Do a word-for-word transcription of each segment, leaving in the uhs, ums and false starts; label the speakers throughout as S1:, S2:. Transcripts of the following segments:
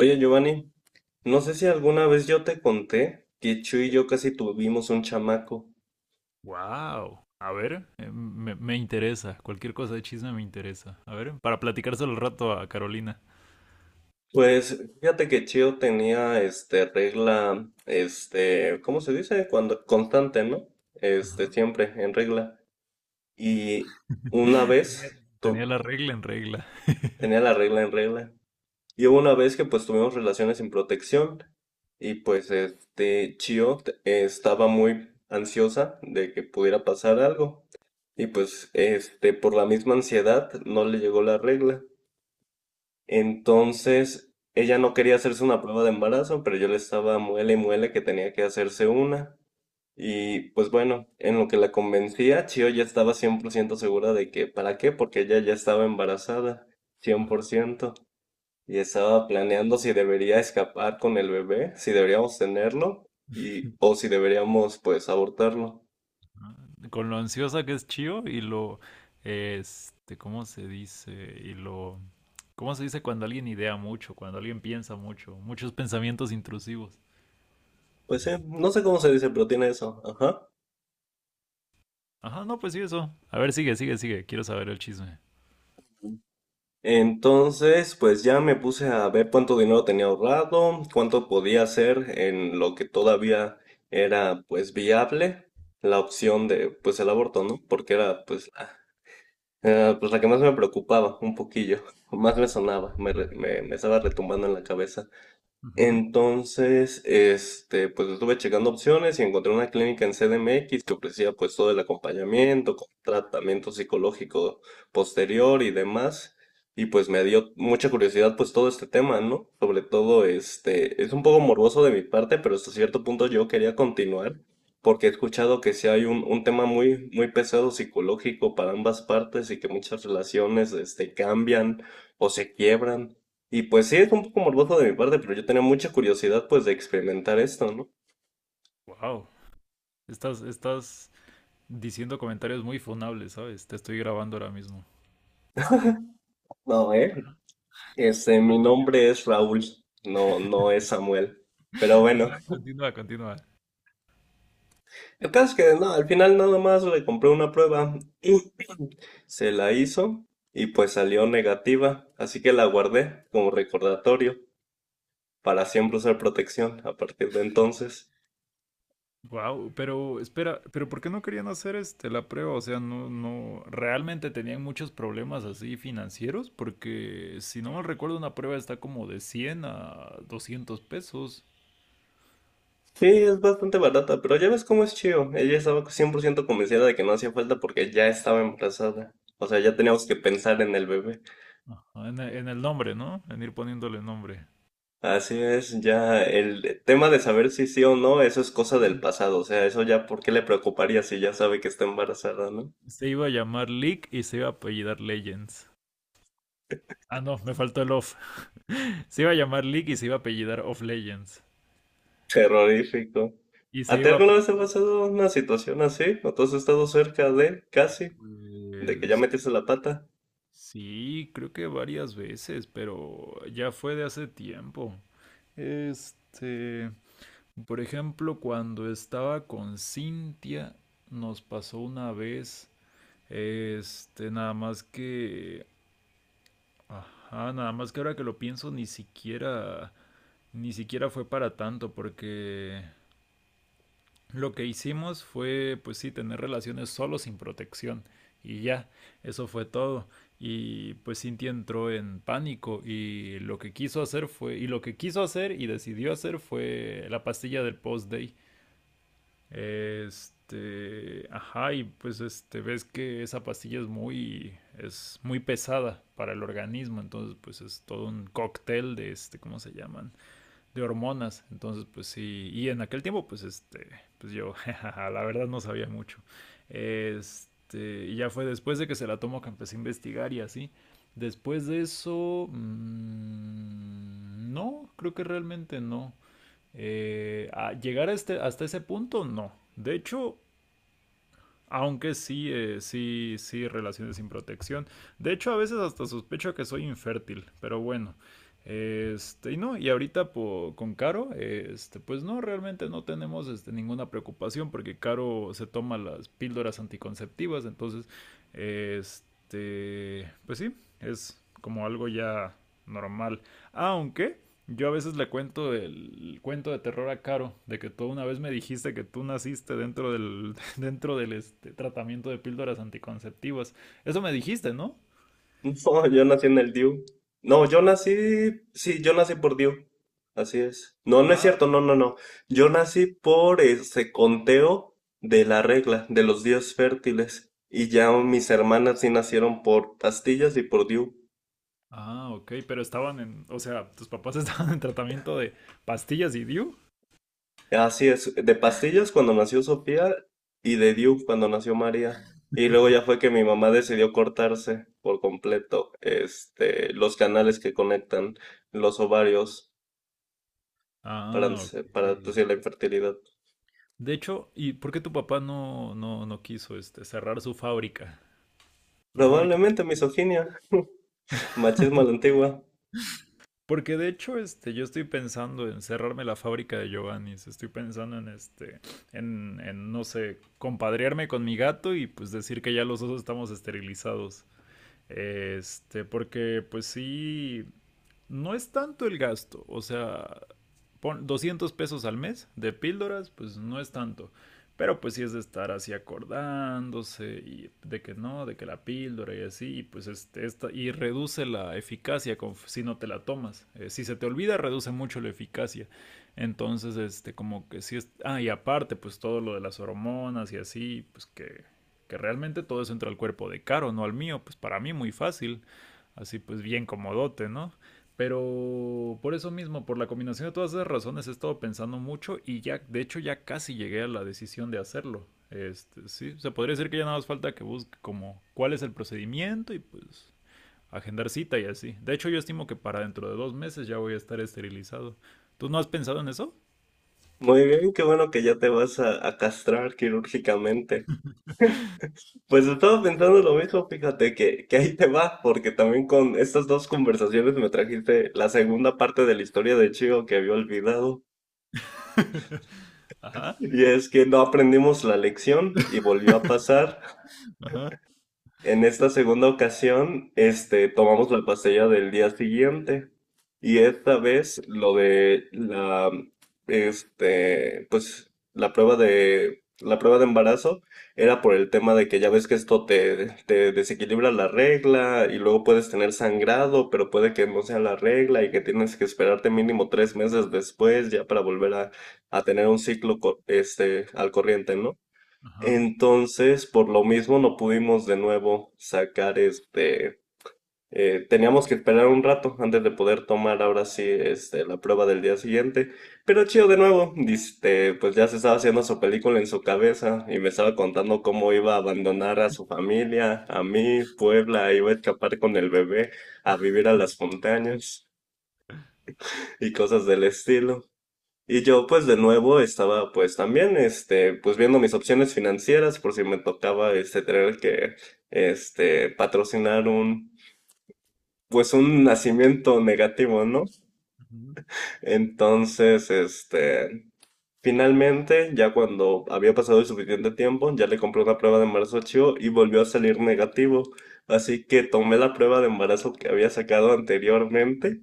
S1: Oye, Giovanni, no sé si alguna vez yo te conté que Chu y yo casi tuvimos un chamaco.
S2: Wow. A ver, eh, me, me interesa. Cualquier cosa de chisme me interesa. A ver, para platicárselo al rato a Carolina.
S1: Pues fíjate que Chio tenía este regla, este, ¿cómo se dice? Cuando constante, ¿no? Este,
S2: Ajá.
S1: siempre en regla. Y una
S2: Tenía,
S1: vez
S2: tenía
S1: tu-
S2: la regla en regla.
S1: tenía la regla en regla. Y hubo una vez que pues tuvimos relaciones sin protección y pues este Chio t- eh, estaba muy ansiosa de que pudiera pasar algo y pues este por la misma ansiedad no le llegó la regla. Entonces ella no quería hacerse una prueba de embarazo, pero yo le estaba muele y muele que tenía que hacerse una. Y pues bueno, en lo que la convencía, Chio ya estaba cien por ciento segura de que, ¿para qué? Porque ella ya estaba embarazada, cien por
S2: Ajá.
S1: ciento y estaba planeando si debería escapar con el bebé, si deberíamos tenerlo y o si deberíamos pues abortarlo.
S2: Con lo ansiosa que es Chio y lo, este, ¿cómo se dice? Y lo, ¿cómo se dice cuando alguien idea mucho, cuando alguien piensa mucho, muchos pensamientos intrusivos?
S1: Pues sí, no sé cómo se dice, pero tiene eso. Ajá.
S2: Ajá, no, pues sí, eso. A ver, sigue, sigue, sigue. Quiero saber el chisme.
S1: Entonces, pues ya me puse a ver cuánto dinero tenía ahorrado, cuánto podía hacer en lo que todavía era pues viable la opción de pues el aborto, ¿no? Porque era pues la, eh, pues la que más me preocupaba un poquillo, más me sonaba, me, re- me, me estaba retumbando en la cabeza. Entonces, este, pues estuve checando opciones y encontré una clínica en C D M X que ofrecía pues todo el acompañamiento, con tratamiento psicológico posterior y demás. Y pues me dio mucha curiosidad pues todo este tema, ¿no? Sobre todo, este, es un poco morboso de mi parte, pero hasta cierto punto yo quería continuar porque he escuchado que sí hay un, un tema muy, muy pesado psicológico para ambas partes y que muchas relaciones, este, cambian o se quiebran. Y pues sí, es un poco morboso de mi parte, pero yo tenía mucha curiosidad pues de experimentar esto, ¿no?
S2: Wow. Estás, estás diciendo comentarios muy funables, ¿sabes? Te estoy grabando ahora mismo.
S1: No, eh. Este,
S2: Ajá,
S1: mi
S2: continúa.
S1: nombre es Raúl, no, no es Samuel. Pero bueno,
S2: Ajá, continúa, continúa.
S1: el caso es que no, al final nada más le compré una prueba, se la hizo y pues salió negativa, así que la guardé como recordatorio para siempre usar protección a partir de entonces.
S2: Wow, pero espera, pero ¿por qué no querían hacer este la prueba? O sea, no, no, realmente tenían muchos problemas así financieros, porque si no mal recuerdo, una prueba está como de cien a doscientos pesos.
S1: Sí, es bastante barata, pero ya ves cómo es Chio. Ella estaba cien por ciento convencida de que no hacía falta porque ya estaba embarazada. O sea, ya teníamos que pensar en el bebé.
S2: Ajá, en, e- en el nombre, ¿no? En ir poniéndole nombre.
S1: Así es, ya el tema de saber si sí o no, eso es cosa del pasado. O sea, eso ya, ¿por qué le preocuparía si ya sabe que está embarazada, no?
S2: Se iba a llamar Leak y se iba a apellidar Legends. Ah, no, me faltó el off. Se iba a llamar Leak y se iba a apellidar Off Legends.
S1: Terrorífico.
S2: Y se
S1: ¿A ti
S2: iba a...
S1: alguna vez te ha pasado una situación así? ¿O tú has estado cerca de, casi, de que ya
S2: Pues
S1: metiste la pata?
S2: sí, creo que varias veces, pero ya fue de hace tiempo. Este, por ejemplo, cuando estaba con Cintia, nos pasó una vez, este, nada más que, ajá, nada más que ahora que lo pienso, ni siquiera, ni siquiera fue para tanto, porque lo que hicimos fue, pues sí, tener relaciones solo sin protección. Y ya, eso fue todo. Y pues Cynthia entró en pánico y lo que quiso hacer fue, y lo que quiso hacer y decidió hacer fue la pastilla del post-day. Este, ajá, y pues este, ves que esa pastilla es muy, es muy pesada para el organismo, entonces pues es todo un cóctel de este, ¿cómo se llaman? De hormonas. Entonces, pues sí, y en aquel tiempo, pues este, pues yo, la verdad no sabía mucho. Este, y ya fue después de que se la tomó que empecé a investigar y así. Después de eso, mmm, no, creo que realmente no. Eh, a llegar a este, hasta ese punto, no. De hecho, aunque sí, eh, sí, sí, relaciones sin protección. De hecho, a veces hasta sospecho que soy infértil, pero bueno. Este, y no, y ahorita po- con Caro, este, pues no, realmente no tenemos este, ninguna preocupación porque Caro se toma las píldoras anticonceptivas, entonces, este, pues sí, es como algo ya normal. Aunque yo a veces le cuento el cuento de terror a Caro, de que tú una vez me dijiste que tú naciste dentro del, dentro del este, tratamiento de píldoras anticonceptivas. Eso me dijiste, ¿no?
S1: No, yo nací en el D I U. No, yo nací, sí, yo nací por D I U. Así es. No, no es
S2: Ah.
S1: cierto, no, no, no. Yo nací por ese conteo de la regla, de los días fértiles. Y ya mis hermanas sí nacieron por pastillas y por D I U.
S2: Ah, ok, pero estaban en, o sea, tus papás estaban en tratamiento de pastillas y D I U.
S1: Así es, de pastillas cuando nació Sofía y de D I U cuando nació María. Y luego ya fue que mi mamá decidió cortarse por completo, este, los canales que conectan los ovarios. para,
S2: Ah, ok.
S1: para
S2: Sí.
S1: producir la infertilidad.
S2: De hecho, ¿y por qué tu papá no, no, no quiso este, cerrar su fábrica? La fábrica de
S1: Probablemente
S2: cerveza.
S1: misoginia, machismo a la antigua.
S2: Porque de hecho, este, yo estoy pensando en cerrarme la fábrica de Giovanni's. Estoy pensando en este, en, en, no sé, compadrearme con mi gato y pues decir que ya los dos estamos esterilizados. Este, porque pues sí, no es tanto el gasto, o sea, pon doscientos pesos al mes de píldoras, pues no es tanto. Pero pues sí es de estar así acordándose y de que no, de que la píldora y así, y pues este, esta, y reduce la eficacia con, si no te la tomas. Eh, si se te olvida, reduce mucho la eficacia. Entonces, este, como que sí es, ah, y aparte, pues todo lo de las hormonas y así, pues que que realmente todo eso entra al cuerpo de Caro, no al mío, pues para mí muy fácil, así pues bien comodote, ¿no? Pero por eso mismo, por la combinación de todas esas razones, he estado pensando mucho y ya, de hecho, ya casi llegué a la decisión de hacerlo. Este, sí, o sea, podría decir que ya nada más falta que busque como cuál es el procedimiento y pues agendar cita y así. De hecho, yo estimo que para dentro de dos meses ya voy a estar esterilizado. ¿Tú no has pensado en eso?
S1: Muy bien, qué bueno que ya te vas a, a castrar quirúrgicamente. Pues estaba pensando lo mismo, fíjate que, que ahí te va, porque también con estas dos conversaciones me trajiste la segunda parte de la historia de Chico que había olvidado.
S2: Ajá,
S1: Y es que no aprendimos la lección y volvió a pasar.
S2: ajá,
S1: En esta segunda ocasión, este, tomamos la pastilla del día siguiente y esta vez lo de la, este, pues la prueba de, la prueba de embarazo era por el tema de que ya ves que esto te, te desequilibra la regla y luego puedes tener sangrado, pero puede que no sea la regla y que tienes que esperarte mínimo tres meses después ya para volver a, a tener un ciclo, co- este, al corriente, ¿no?
S2: ajá.
S1: Entonces, por lo mismo, no pudimos de nuevo sacar este. Eh, teníamos que esperar un rato antes de poder tomar ahora sí este, la prueba del día siguiente. Pero chido de nuevo, este, pues ya se estaba haciendo su película en su cabeza y me estaba contando cómo iba a abandonar a su familia, a mí, Puebla, iba a escapar con el bebé a vivir a las montañas y cosas del estilo. Y yo pues de nuevo estaba pues también este pues viendo mis opciones financieras por si me tocaba este tener que este patrocinar un pues un nacimiento negativo, ¿no?
S2: Ujú.
S1: Entonces, este finalmente, ya cuando había pasado el suficiente tiempo, ya le compré una prueba de embarazo a Chio y volvió a salir negativo. Así que tomé la prueba de embarazo que había sacado anteriormente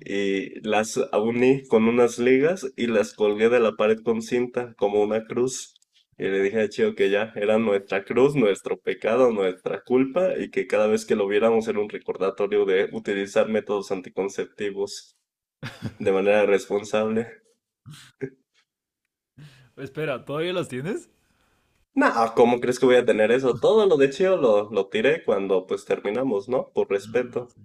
S1: y las uní con unas ligas y las colgué de la pared con cinta como una cruz. Y le dije a Chio que ya era nuestra cruz, nuestro pecado, nuestra culpa y que cada vez que lo viéramos era un recordatorio de utilizar métodos anticonceptivos de manera responsable.
S2: Espera, ¿todavía las tienes?
S1: No, ¿cómo crees que voy a tener eso? Todo lo de Chio lo, lo tiré cuando pues terminamos, ¿no? Por
S2: Mm,
S1: respeto.
S2: sí.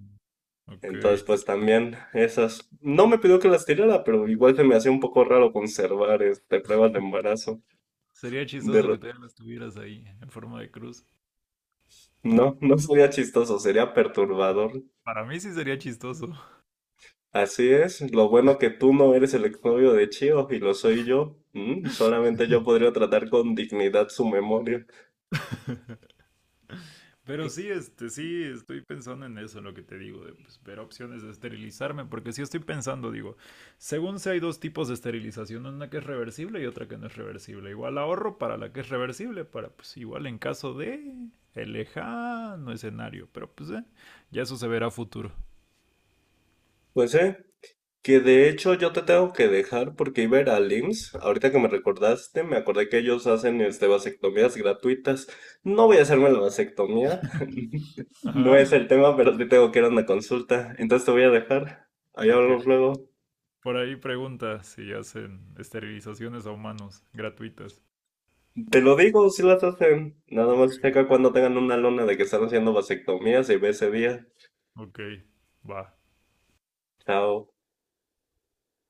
S2: Ok,
S1: Entonces
S2: se-
S1: pues también esas... No me pidió que las tirara, pero igual se me hacía un poco raro conservar este, pruebas de embarazo.
S2: sería
S1: De...
S2: chistoso
S1: re-
S2: que todavía las tuvieras ahí en forma de cruz.
S1: No, no sería chistoso, sería perturbador.
S2: Para mí sí sería chistoso.
S1: Así es, lo bueno que tú no eres el exnovio de Chio y lo soy yo. Mm, solamente yo podría tratar con dignidad su memoria.
S2: Pero sí, este, sí, estoy pensando en eso, en lo que te digo, de pues, ver opciones de esterilizarme, porque sí estoy pensando, digo, según sé hay dos tipos de esterilización, una que es reversible y otra que no es reversible. Igual ahorro para la que es reversible, para pues igual en caso de el lejano escenario, pero pues eh, ya eso se verá a futuro.
S1: Pues sí, que de hecho yo te tengo que dejar porque iba a ir al I M S S. Ahorita que me recordaste, me acordé que ellos hacen este, vasectomías gratuitas. No voy a hacerme la vasectomía. No es
S2: Ajá,
S1: el tema, pero sí tengo que ir a una consulta. Entonces te voy a dejar. Ahí
S2: ok.
S1: hablamos luego.
S2: Por ahí pregunta si hacen esterilizaciones a humanos gratuitas.
S1: Te lo digo si las hacen. Nada
S2: Ok,
S1: más checa cuando tengan una lona de que están haciendo vasectomías y ve ese día.
S2: ok, va.
S1: Chao.